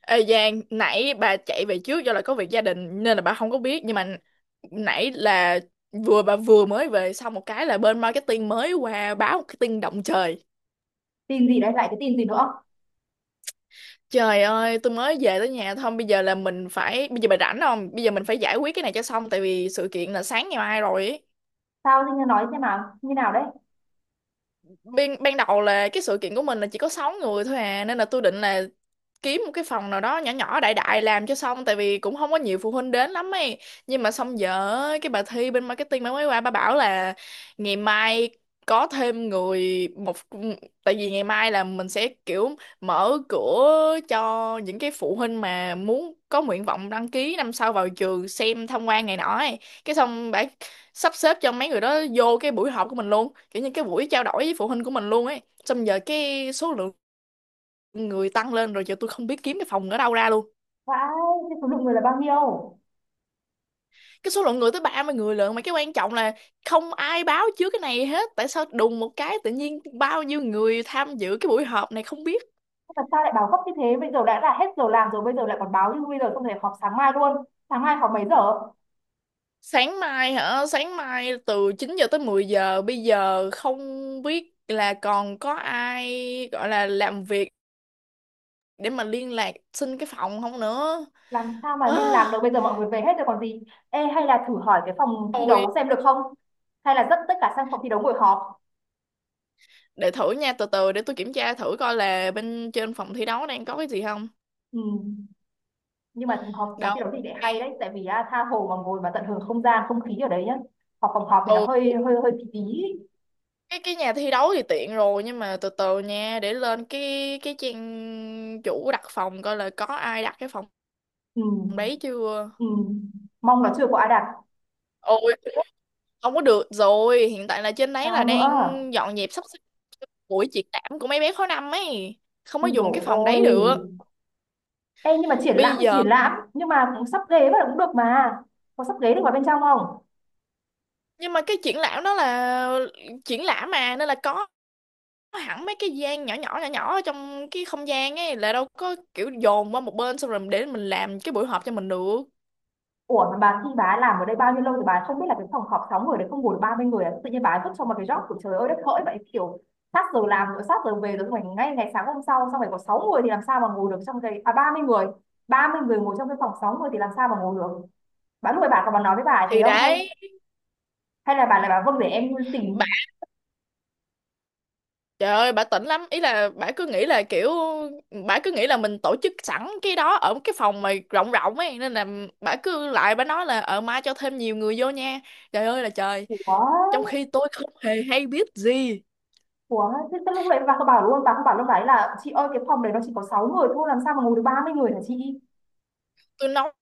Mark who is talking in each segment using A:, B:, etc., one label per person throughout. A: Ê Giang, nãy bà chạy về trước do là có việc gia đình nên là bà không có biết. Nhưng mà nãy là vừa mới về xong một cái là bên marketing mới qua báo một cái tin động trời.
B: Tin gì đấy? Lại cái tin gì nữa?
A: Trời ơi, tôi mới về tới nhà thôi, bây giờ là mình phải bây giờ bà rảnh không? Bây giờ mình phải giải quyết cái này cho xong tại vì sự kiện là sáng ngày mai rồi ý.
B: Sao Linh, nói xem nào, như nào đấy?
A: Ban ban đầu là cái sự kiện của mình là chỉ có 6 người thôi à, nên là tôi định là kiếm một cái phòng nào đó nhỏ nhỏ đại đại làm cho xong tại vì cũng không có nhiều phụ huynh đến lắm ấy. Nhưng mà xong giờ cái bà Thi bên marketing bà mới qua bà bảo là ngày mai có thêm người một, tại vì ngày mai là mình sẽ kiểu mở cửa cho những cái phụ huynh mà muốn có nguyện vọng đăng ký năm sau vào trường xem tham quan này nọ ấy. Cái xong bà sắp xếp cho mấy người đó vô cái buổi họp của mình luôn, kiểu như cái buổi trao đổi với phụ huynh của mình luôn ấy. Xong giờ cái số lượng người tăng lên rồi, giờ tôi không biết kiếm cái phòng ở đâu ra luôn.
B: Vãi. Thế số lượng người là bao nhiêu?
A: Cái số lượng người tới 30 người lận, mà cái quan trọng là không ai báo trước cái này hết, tại sao đùng một cái tự nhiên bao nhiêu người tham dự cái buổi họp này không biết.
B: Thế mà sao lại báo gấp như thế? Bây giờ đã là hết giờ làm rồi, bây giờ lại còn báo như bây giờ, không thể họp sáng mai luôn. Sáng mai họp mấy giờ?
A: Sáng mai hả? Sáng mai từ 9 giờ tới 10 giờ. Bây giờ không biết là còn có ai gọi là làm việc để mà liên lạc xin cái phòng không nữa.
B: Làm sao mà
A: à,
B: liên lạc được, bây giờ mọi người về hết rồi còn gì. Ê, hay là thử hỏi cái phòng thi
A: Thôi
B: đấu xem được không? Hay là dắt tất cả sang phòng thi đấu ngồi họp.
A: để thử nha, từ từ để tôi kiểm tra thử coi là bên trên phòng thi đấu đang có cái gì không.
B: Ừ. Nhưng mà họp phòng thi
A: Đâu,
B: đấu thì lại hay đấy,
A: cái-
B: tại vì tha hồ mà ngồi mà tận hưởng không gian không khí ở đấy nhá. Họp phòng họp thì nó
A: ừ,
B: hơi hơi hơi tí tí.
A: cái nhà thi đấu thì tiện rồi, nhưng mà từ từ nha, để lên cái trang chủ đặt phòng coi là có ai đặt cái phòng
B: Ừ.
A: đấy chưa.
B: Ừ. Mong là chưa có ai đạt.
A: Ôi, không có được rồi, hiện tại là trên đấy là
B: Sao
A: đang
B: nữa?
A: dọn dẹp sắp xếp buổi triển lãm của mấy bé khối năm ấy, không có
B: Ui
A: dùng
B: dồi
A: cái phòng
B: ôi.
A: đấy được
B: Ê nhưng mà triển lãm
A: bây
B: thì
A: giờ.
B: triển lãm. Nhưng mà cũng sắp ghế vào cũng được mà. Có sắp ghế được vào bên trong không?
A: Nhưng mà cái triển lãm đó là triển lãm mà, nên là có hẳn mấy cái gian nhỏ nhỏ nhỏ nhỏ ở trong cái không gian ấy, là đâu có kiểu dồn qua một bên xong rồi để mình làm cái buổi họp cho mình được.
B: Ủa mà bà, khi bà làm ở đây bao nhiêu lâu thì bà không biết là cái phòng họp 6 người đấy không ngồi được 30 người à? Tự nhiên bà vứt cho một cái job của trời ơi đất hỡi vậy, kiểu sát giờ làm rồi, sát giờ về rồi, xong rồi ngay ngày sáng hôm sau, xong rồi có 6 người thì làm sao mà ngồi được trong cái 30 người? 30 người ngồi trong cái phòng 6 người thì làm sao mà ngồi được? Bà lúc ấy bà còn bà nói với bà ấy thế
A: Thì
B: không hay?
A: đấy
B: Hay là bà vâng để em
A: bà,
B: tìm.
A: trời ơi bà tỉnh lắm ý, là bà cứ nghĩ là kiểu bà cứ nghĩ là mình tổ chức sẵn cái đó ở cái phòng mà rộng rộng ấy, nên là bà cứ lại bà nói là mai cho thêm nhiều người vô nha. Trời ơi là trời,
B: Ủa.
A: trong khi tôi không hề hay biết gì.
B: Ủa, thế thế lúc đấy bà có bảo luôn, bà không bảo lúc đấy là chị ơi cái phòng đấy nó chỉ có 6 người thôi, làm sao mà ngồi được 30 người hả chị?
A: Tôi nói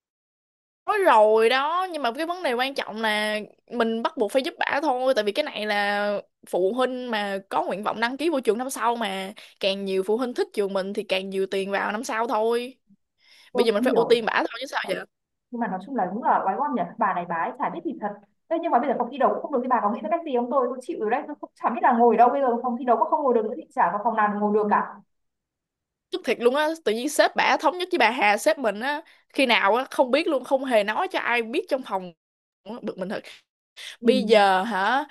A: rồi đó, nhưng mà cái vấn đề quan trọng là mình bắt buộc phải giúp bả thôi, tại vì cái này là phụ huynh mà có nguyện vọng đăng ký vô trường năm sau mà, càng nhiều phụ huynh thích trường mình thì càng nhiều tiền vào năm sau thôi.
B: Tôi
A: Bây giờ mình
B: cũng
A: phải ưu
B: hiểu,
A: tiên bả thôi chứ sao vậy.
B: nhưng mà nói chung là đúng là oái oăm nhỉ, bà này bà ấy chả biết gì thật. Thế nhưng mà bây giờ phòng thi đấu cũng không được thì bà có nghĩ ra cách gì không? Tôi chịu rồi đấy, tôi cũng chả biết là ngồi đâu, bây giờ phòng thi đấu cũng không ngồi được nữa thì chả có phòng nào ngồi được cả.
A: Tức thiệt luôn á, tự nhiên sếp bả thống nhất với bà Hà sếp mình á khi nào á không biết luôn, không hề nói cho ai biết trong phòng. Bực mình thật.
B: Ừ.
A: Bây giờ hả?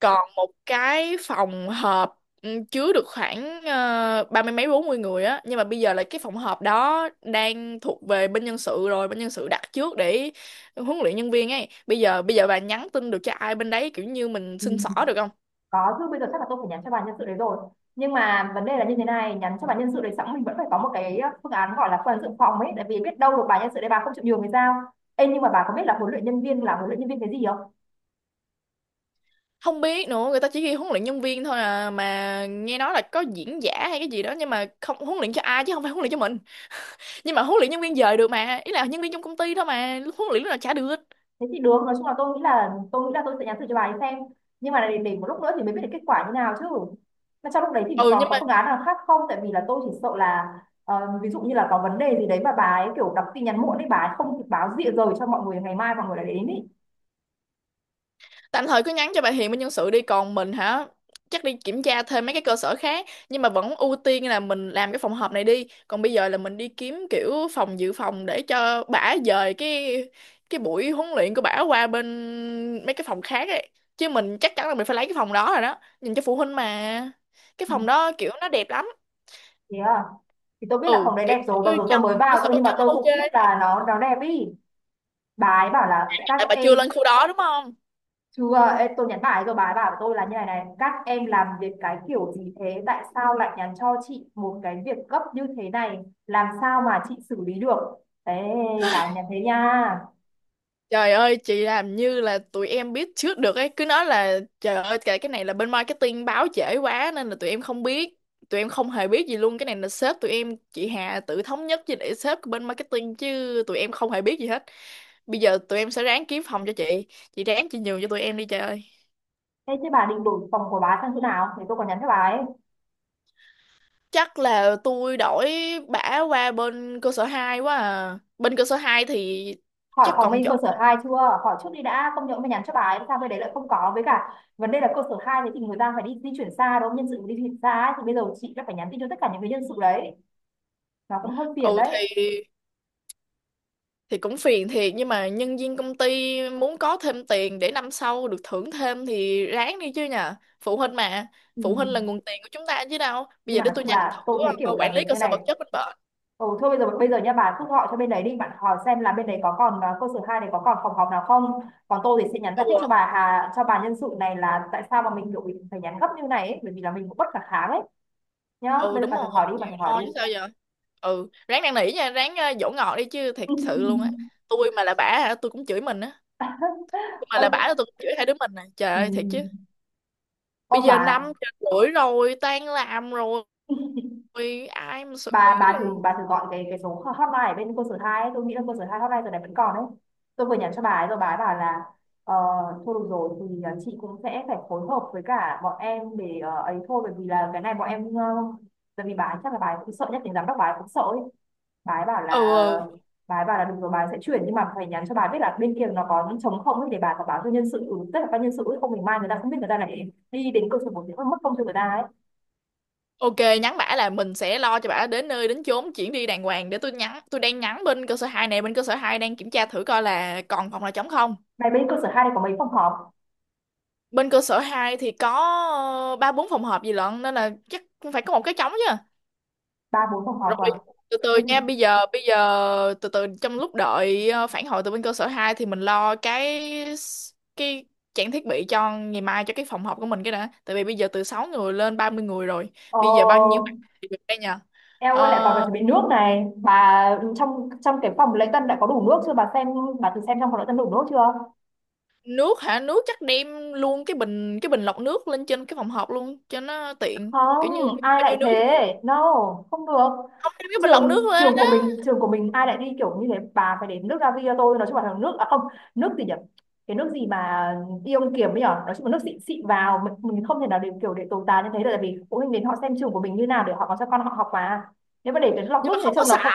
A: Còn một cái phòng họp chứa được khoảng 30 mấy 40 người á, nhưng mà bây giờ là cái phòng họp đó đang thuộc về bên nhân sự rồi, bên nhân sự đặt trước để huấn luyện nhân viên ấy. Bây giờ bà nhắn tin được cho ai bên đấy kiểu như mình
B: Ừ.
A: xin xỏ được không?
B: Có chứ, bây giờ chắc là tôi phải nhắn cho bà nhân sự đấy rồi. Nhưng mà vấn đề là như thế này, nhắn cho bà nhân sự đấy xong mình vẫn phải có một cái phương án gọi là phương án dự phòng ấy, tại vì biết đâu được bà nhân sự đấy bà không chịu nhường thì sao? Ê, nhưng mà bà có biết là huấn luyện nhân viên là huấn luyện nhân viên cái gì không?
A: Không biết nữa, người ta chỉ ghi huấn luyện nhân viên thôi à, mà nghe nói là có diễn giả hay cái gì đó, nhưng mà không huấn luyện cho ai chứ không phải huấn luyện cho mình. Nhưng mà huấn luyện nhân viên dời được mà, ý là nhân viên trong công ty thôi mà, huấn luyện lúc nào chả được.
B: Thế thì được, nói chung là tôi nghĩ là tôi sẽ nhắn thử cho bà ấy xem, nhưng mà để một lúc nữa thì mới biết được kết quả như nào chứ. Mà trong lúc đấy thì
A: Ừ,
B: còn
A: nhưng
B: có
A: mà
B: phương án nào khác không, tại vì là tôi chỉ sợ là ờ, ví dụ như là có vấn đề gì đấy mà bà ấy kiểu đọc tin nhắn muộn đấy, bà ấy không kịp báo rịa rồi cho mọi người ngày mai, mọi người lại đến ý.
A: tạm thời cứ nhắn cho bà Hiền bên nhân sự đi. Còn mình hả, chắc đi kiểm tra thêm mấy cái cơ sở khác, nhưng mà vẫn ưu tiên là mình làm cái phòng họp này đi. Còn bây giờ là mình đi kiếm kiểu phòng dự phòng để cho bả dời cái buổi huấn luyện của bả qua bên mấy cái phòng khác ấy, chứ mình chắc chắn là mình phải lấy cái phòng đó rồi đó, nhìn cho phụ huynh mà. Cái
B: Ừ.
A: phòng đó kiểu nó đẹp lắm.
B: Thế à? Thì tôi biết là
A: Ừ,
B: phòng đấy
A: kiểu
B: đẹp rồi, mặc
A: như
B: dù tôi
A: trong
B: mới
A: cơ
B: vào
A: sở
B: thôi
A: vật
B: nhưng mà
A: chất nó
B: tôi
A: ok.
B: cũng biết là nó đẹp ý. Bà ấy bảo là các
A: Tại bà
B: em.
A: chưa lên khu đó đúng không.
B: Chưa. Ê, tôi nhắn bà ấy rồi, bà ấy bảo với tôi là như này này: các em làm việc cái kiểu gì thế? Tại sao lại nhắn cho chị một cái việc gấp như thế này? Làm sao mà chị xử lý được? Thế. Bà ấy nhắn thế nha.
A: Trời ơi, chị làm như là tụi em biết trước được ấy, cứ nói là trời ơi cái này là bên marketing báo trễ quá nên là tụi em không biết, tụi em không hề biết gì luôn, cái này là sếp tụi em chị Hà tự thống nhất với để sếp của bên marketing chứ tụi em không hề biết gì hết. Bây giờ tụi em sẽ ráng kiếm phòng cho chị ráng chị nhường cho tụi em đi trời ơi.
B: Thế chứ bà định đổi phòng của bà ấy sang chỗ nào? Thì tôi còn nhắn cho bà ấy.
A: Chắc là tôi đổi bả qua bên cơ sở 2 quá à. Bên cơ sở 2 thì
B: Hỏi
A: chắc
B: phòng
A: còn
B: bên
A: chỗ.
B: cơ sở hai chưa? Hỏi trước đi đã. Không nhỡ mà nhắn cho bà ấy, sao bên đấy lại không có? Với cả vấn đề là cơ sở 2 thì người ta phải đi di chuyển xa đúng không? Nhân sự đi chuyển xa ấy. Thì bây giờ chị đã phải nhắn tin cho tất cả những cái nhân sự đấy, nó cũng hơi phiền
A: Ừ
B: đấy.
A: thì thì cũng phiền thiệt, nhưng mà nhân viên công ty muốn có thêm tiền để năm sau được thưởng thêm thì ráng đi chứ nhờ. Phụ huynh mà,
B: Ừ.
A: phụ huynh là nguồn tiền của chúng ta chứ đâu. Bây
B: Nhưng
A: giờ
B: mà
A: để
B: nói
A: tôi
B: chung
A: nhắn
B: là
A: thử
B: tôi thấy kiểu
A: quản
B: làm việc
A: lý cơ
B: như
A: sở vật
B: này.
A: chất bên bệnh.
B: Ừ, thôi bây giờ nha, bà cứ gọi cho bên đấy đi, bạn hỏi xem là bên đấy có còn cơ sở hai này có còn phòng họp nào không? Còn tôi thì sẽ nhắn giải
A: Ừ,
B: thích cho bà Hà, cho bà nhân sự này là tại sao mà mình kiểu mình phải nhắn gấp như này ấy, bởi vì là mình cũng bất khả kháng ấy. Nhá,
A: ừ
B: bây giờ
A: đúng
B: bà thử
A: rồi,
B: hỏi đi, bà thử
A: chịu
B: hỏi đi.
A: thôi chứ sao giờ. Ừ, ráng năn nỉ nha, ráng dỗ ngọt đi chứ, thiệt sự luôn á. Tôi mà là bả hả tôi cũng chửi mình á, tôi mà là bả là
B: Ôi.
A: tôi cũng chửi hai đứa mình nè, trời
B: Ừ.
A: ơi thiệt chứ.
B: Ôi
A: Bây giờ năm
B: bà.
A: rưỡi rồi, tan làm rồi, ai mà xử
B: bà
A: lý
B: bà thử
A: đi.
B: bà thử gọi cái số hotline ở bên cơ sở hai ấy. Tôi nghĩ là cơ sở hai hotline giờ này vẫn còn đấy. Tôi vừa nhắn cho bà ấy rồi, bà ấy bảo là ờ, thôi được rồi thì chị cũng sẽ phải phối hợp với cả bọn em để ấy thôi, bởi vì là cái này bọn em tại vì bà ấy chắc là bà ấy cũng sợ nhất thì giám đốc bà ấy cũng sợ ấy. bà ấy bảo là
A: Ừ, ừ.
B: bà ấy bảo là được rồi, bà ấy sẽ chuyển nhưng mà phải nhắn cho bà ấy biết là bên kia nó có những trống không ấy để bà có báo cho nhân sự, ừ, tức là ban nhân sự ấy, không mình mai người ta không biết, người ta lại đi đến cơ sở một thì mất công cho người ta ấy.
A: Ok, nhắn bả là mình sẽ lo cho bả đến nơi đến chốn, chuyển đi đàng hoàng, để tôi nhắn. Tôi đang nhắn bên cơ sở 2 này, bên cơ sở 2 đang kiểm tra thử coi là còn phòng nào trống không.
B: Này bên cơ sở hai này có mấy phòng họp?
A: Bên cơ sở 2 thì có 3 4 phòng họp gì lận, nên là chắc cũng phải có một cái trống chứ.
B: Ba bốn phòng họp
A: Rồi,
B: rồi?
A: từ
B: Thế
A: từ
B: thì.
A: nha, bây giờ từ từ, trong lúc đợi phản hồi từ bên cơ sở 2 thì mình lo cái cái trang thiết bị cho ngày mai cho cái phòng họp của mình cái đã. Tại vì bây giờ từ 6 người lên 30 người rồi.
B: Ờ,
A: Bây giờ bao nhiêu bạn thì được đây nhờ?
B: eo ơi lại còn phải
A: Ờ,
B: chuẩn bị nước này bà. Trong trong cái phòng lễ tân đã có đủ nước chưa bà xem? Bà thử xem trong phòng lễ tân đủ nước chưa?
A: nước hả, nước chắc đem luôn cái bình lọc nước lên trên cái phòng họp luôn cho nó tiện,
B: Không.
A: kiểu như muốn
B: Ai
A: bao
B: lại
A: nhiêu nước cũng
B: thế.
A: được.
B: No. Không được.
A: Không đem cái bình lọc nước
B: trường
A: lên
B: trường của
A: á?
B: mình trường của mình ai lại đi kiểu như thế, bà phải đến nước ra cho tôi. Nói chung là nước, à không. Nước gì nhỉ? Cái nước gì mà ion kiềm ấy nhở, nói chung là nước xịn xịn vào, mình không thể nào để kiểu để tồi tàn như thế được, tại vì phụ huynh đến họ xem trường của mình như nào để họ còn cho con họ học mà. Nếu mà để cái lọc
A: Nhưng
B: nước
A: mà
B: như thế
A: không có
B: trông nó
A: sẵn.
B: không.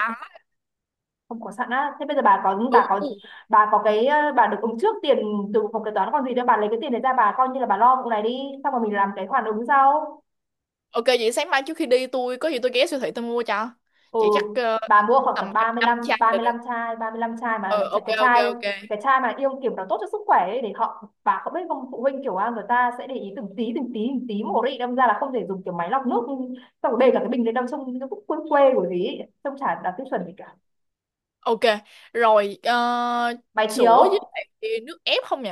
B: Không có sẵn á? Thế bây giờ bà có
A: Ừ.
B: bà có cái bà được ứng trước tiền từ phòng kế toán còn gì, đâu bà lấy cái tiền đấy ra bà coi như là bà lo vụ này đi, xong rồi mình làm cái khoản ứng sau.
A: Ok, vậy sáng mai trước khi đi tôi có gì tôi ghé siêu thị tôi mua cho
B: Ừ.
A: chị. Chắc
B: Bà mua khoảng tầm
A: tầm
B: ba
A: anh
B: ba mươi lăm
A: anh chai
B: ba mươi
A: là được.
B: 35 chai. 35 chai
A: Ờ
B: mà
A: ok
B: cái
A: ok
B: chai
A: ok.
B: cái chai mà yêu kiểu nó tốt cho sức khỏe ấy, để họ. Bà không biết không, phụ huynh kiểu người ta sẽ để ý từng tí từng tí từng tí một đấy, đâm ra là không thể dùng kiểu máy lọc nước, xong rồi bê cả cái bình lên đâm trong cái quê quê của gì ấy. Xong chả đạt tiêu chuẩn gì cả.
A: Ok rồi,
B: Máy
A: sữa
B: chiếu.
A: với lại nước ép không nhỉ?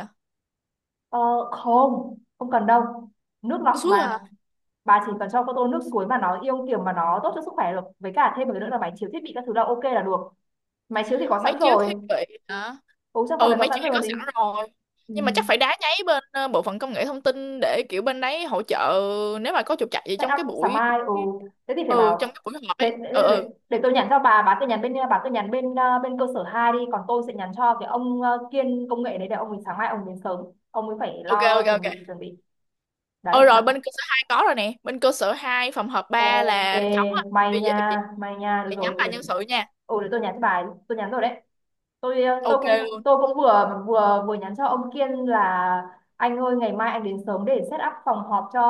B: ờ, Không, không cần đâu. Nước lọc
A: Cái suối.
B: mà. Bà chỉ cần cho con tô nước suối mà nó yêu kiểu mà nó tốt cho sức khỏe được, với cả thêm một cái nữa là máy chiếu thiết bị các thứ là ok là được. Máy chiếu thì có
A: Mấy
B: sẵn
A: chiếu thiết
B: rồi.
A: bị hả?
B: Ừ, trong phòng
A: Ừ,
B: này có
A: mấy chiếc
B: sẵn
A: này
B: rồi
A: có
B: còn gì.
A: sẵn rồi.
B: Ừ.
A: Nhưng mà chắc phải đá nháy bên bộ phận công nghệ thông tin để kiểu bên đấy hỗ trợ nếu mà có trục trặc gì
B: Set
A: trong
B: up
A: cái
B: sáng
A: buổi.
B: mai. Ừ. Thế thì phải
A: Ừ, trong
B: bảo.
A: cái buổi họp
B: Thế
A: ấy. Ừ,
B: để, để,
A: ừ.
B: để tôi nhắn cho bà, bà cứ nhắn bên bên cơ sở 2 đi, còn tôi sẽ nhắn cho cái ông Kiên công nghệ đấy để ông ấy sáng mai ông đến sớm. Ông ấy phải
A: Ok
B: lo
A: ok
B: chuẩn
A: ok.
B: bị chuẩn bị. Đấy
A: Ừ rồi,
B: bạn.
A: bên cơ sở hai có rồi nè, bên cơ sở 2 phòng họp 3
B: Ok,
A: là trống á.
B: may
A: Bây
B: nha, may nha, được
A: giờ nhắm
B: rồi
A: là
B: để.
A: nhân sự nha.
B: Ừ, để tôi nhắn cho bà. Tôi nhắn rồi đấy. Tôi
A: Ok
B: cũng
A: luôn.
B: tôi cũng vừa vừa vừa nhắn cho ông Kiên là anh ơi ngày mai anh đến sớm để set up phòng họp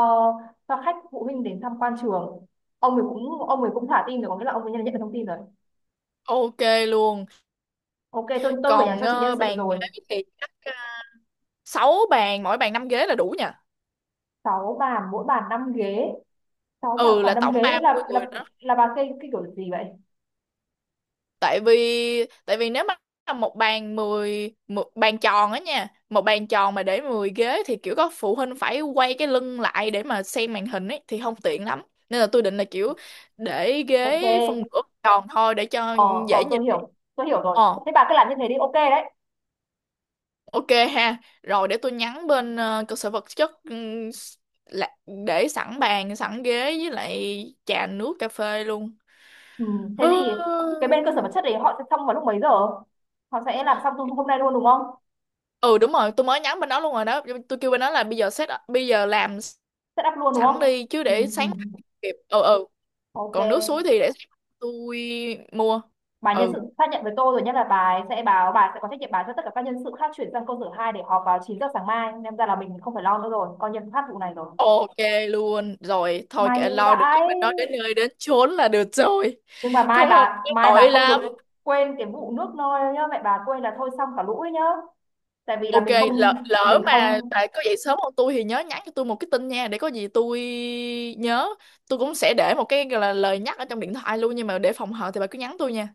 B: cho khách phụ huynh đến tham quan trường. Ông ấy cũng thả tin rồi, có nghĩa là ông ấy nhận nhận được thông tin rồi.
A: Ok luôn.
B: Ok, tôi vừa nhắn
A: Còn
B: cho chị nhân sự
A: bàn
B: rồi.
A: ghế thì chắc 6 bàn mỗi bàn 5 ghế là đủ nha.
B: Sáu bàn mỗi bàn 5 ghế. Sáu bàn mỗi
A: Ừ, là
B: bàn 5
A: tổng
B: ghế
A: 30
B: là
A: người
B: là
A: đó.
B: Là bà cây cái kiểu gì vậy?
A: Tại vì nếu mà là một bàn 10 một bàn tròn á nha, một bàn tròn mà để 10 ghế thì kiểu có phụ huynh phải quay cái lưng lại để mà xem màn hình ấy thì không tiện lắm. Nên là tôi định là kiểu để
B: Ok.
A: ghế phân nửa tròn thôi để cho
B: Ờ.
A: dễ
B: Tôi
A: nhìn.
B: hiểu. Tôi hiểu rồi.
A: Ờ
B: Thế bà cứ làm như thế đi, ok đấy.
A: ok ha. Rồi để tôi nhắn bên cơ sở vật chất là- để sẵn bàn sẵn ghế với lại trà nước cà phê luôn.
B: Ừ, thế thì cái bên cơ sở vật chất đấy họ sẽ xong vào lúc mấy giờ? Họ sẽ làm xong hôm nay luôn đúng không?
A: Ừ đúng rồi, tôi mới nhắn bên đó luôn rồi đó. Tôi kêu bên đó là bây giờ làm
B: Set up luôn đúng
A: sẵn
B: không?
A: đi chứ,
B: Ừ.
A: để
B: Ừ.
A: sáng kịp. Ừ ừ. Còn nước suối
B: Ok.
A: thì để sáng tôi mua.
B: Bà nhân sự
A: Ừ,
B: xác nhận với tôi rồi nhé, là bà ấy sẽ báo, bà sẽ có trách nhiệm báo cho tất cả các nhân sự khác chuyển sang câu sở 2 để họp vào 9 giờ sáng mai, nên ra là mình không phải lo nữa rồi, coi như thoát vụ này rồi.
A: ok luôn rồi, thôi
B: May
A: kệ lo được cái
B: vãi.
A: bên đó đến nơi đến chốn là được rồi.
B: Nhưng mà mai
A: Không là
B: bà mai bà
A: tội
B: không được
A: lắm.
B: quên cái vụ nước nôi nhá, mẹ bà quên là thôi xong cả lũ ấy nhá. Tại vì là
A: Ok,
B: mình không. mình
A: lỡ mà
B: không
A: bà có dậy sớm hơn tôi thì nhớ nhắn cho tôi một cái tin nha, để có gì tôi nhớ. Tôi cũng sẽ để một cái gọi là lời nhắc ở trong điện thoại luôn nhưng mà để phòng hờ thì bà cứ nhắn tôi nha.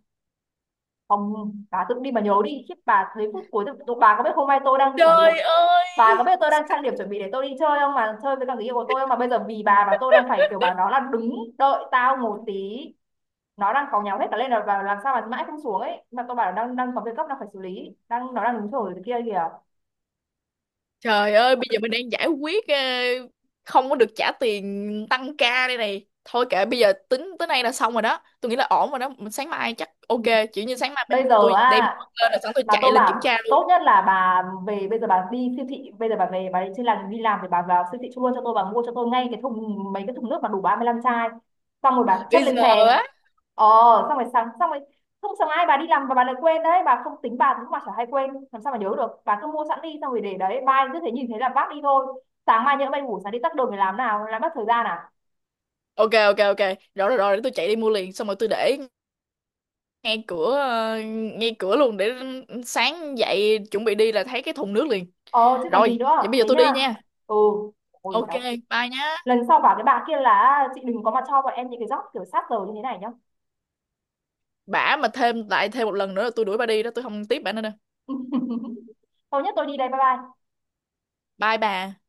B: Không, bà tự đi mà nhớ đi, khiếp, bà thấy phút cuối tự-. Bà có biết hôm nay tôi đang chuẩn bị.
A: Trời
B: Bà có
A: ơi.
B: biết tôi đang trang điểm chuẩn bị để tôi đi chơi không, mà chơi với cả người yêu của tôi không, mà bây giờ vì bà mà tôi đang phải kiểu, bà nó là đứng đợi tao một tí. Nó đang cáu nhau hết cả lên là và làm sao mà mãi không xuống ấy, mà tôi bảo là đang đang có việc gấp đang phải xử lý, đang nó đang đứng chờ cái kia kìa.
A: Trời ơi, bây giờ mình đang giải quyết không có được trả tiền tăng ca đây này. Thôi kệ, bây giờ tính tới nay là xong rồi đó. Tôi nghĩ là ổn rồi đó. Mình sáng mai chắc
B: Ừ.
A: ok, kiểu như sáng mai
B: Bây giờ
A: tôi đem
B: à,
A: lên là sẵn tôi
B: mà
A: chạy
B: tôi
A: lên kiểm
B: bảo
A: tra luôn.
B: tốt nhất là bà về bây giờ bà đi siêu thị, bây giờ bà về bà đi trên làng đi làm thì bà vào siêu thị luôn cho tôi, bà mua cho tôi ngay cái thùng, mấy cái thùng nước mà đủ 35 chai, xong rồi bà chất
A: Bây
B: lên
A: giờ
B: xe.
A: á.
B: ờ Xong rồi sáng xong rồi. Không sáng ai bà đi làm và bà lại quên đấy, bà không tính bà cũng mà chả hay quên làm sao mà nhớ được, bà cứ mua sẵn đi xong rồi để đấy, mai cứ thế nhìn thấy là vác đi thôi. Sáng mai nhỡ bay ngủ sáng đi tắt đường để làm nào làm mất thời gian à?
A: Ok ok ok. Rồi rồi rồi, để tôi chạy đi mua liền xong rồi tôi để ngay cửa, ngay cửa luôn để sáng dậy chuẩn bị đi là thấy cái thùng nước liền.
B: Ờ Chứ còn
A: Rồi,
B: gì nữa,
A: vậy bây giờ
B: thế
A: tôi đi
B: nhá.
A: nha.
B: Ừ. Ôi
A: Ok,
B: đau.
A: bye nhá.
B: Lần sau bảo cái bà kia là: "À, chị đừng có mà cho bọn em những cái job kiểu sát giờ như thế này nhá."
A: Bả mà thêm một lần nữa là tôi đuổi bà đi đó, tôi không tiếp bả nữa đâu.
B: Thôi nhất tôi đi đây, bye bye.
A: Bye bà.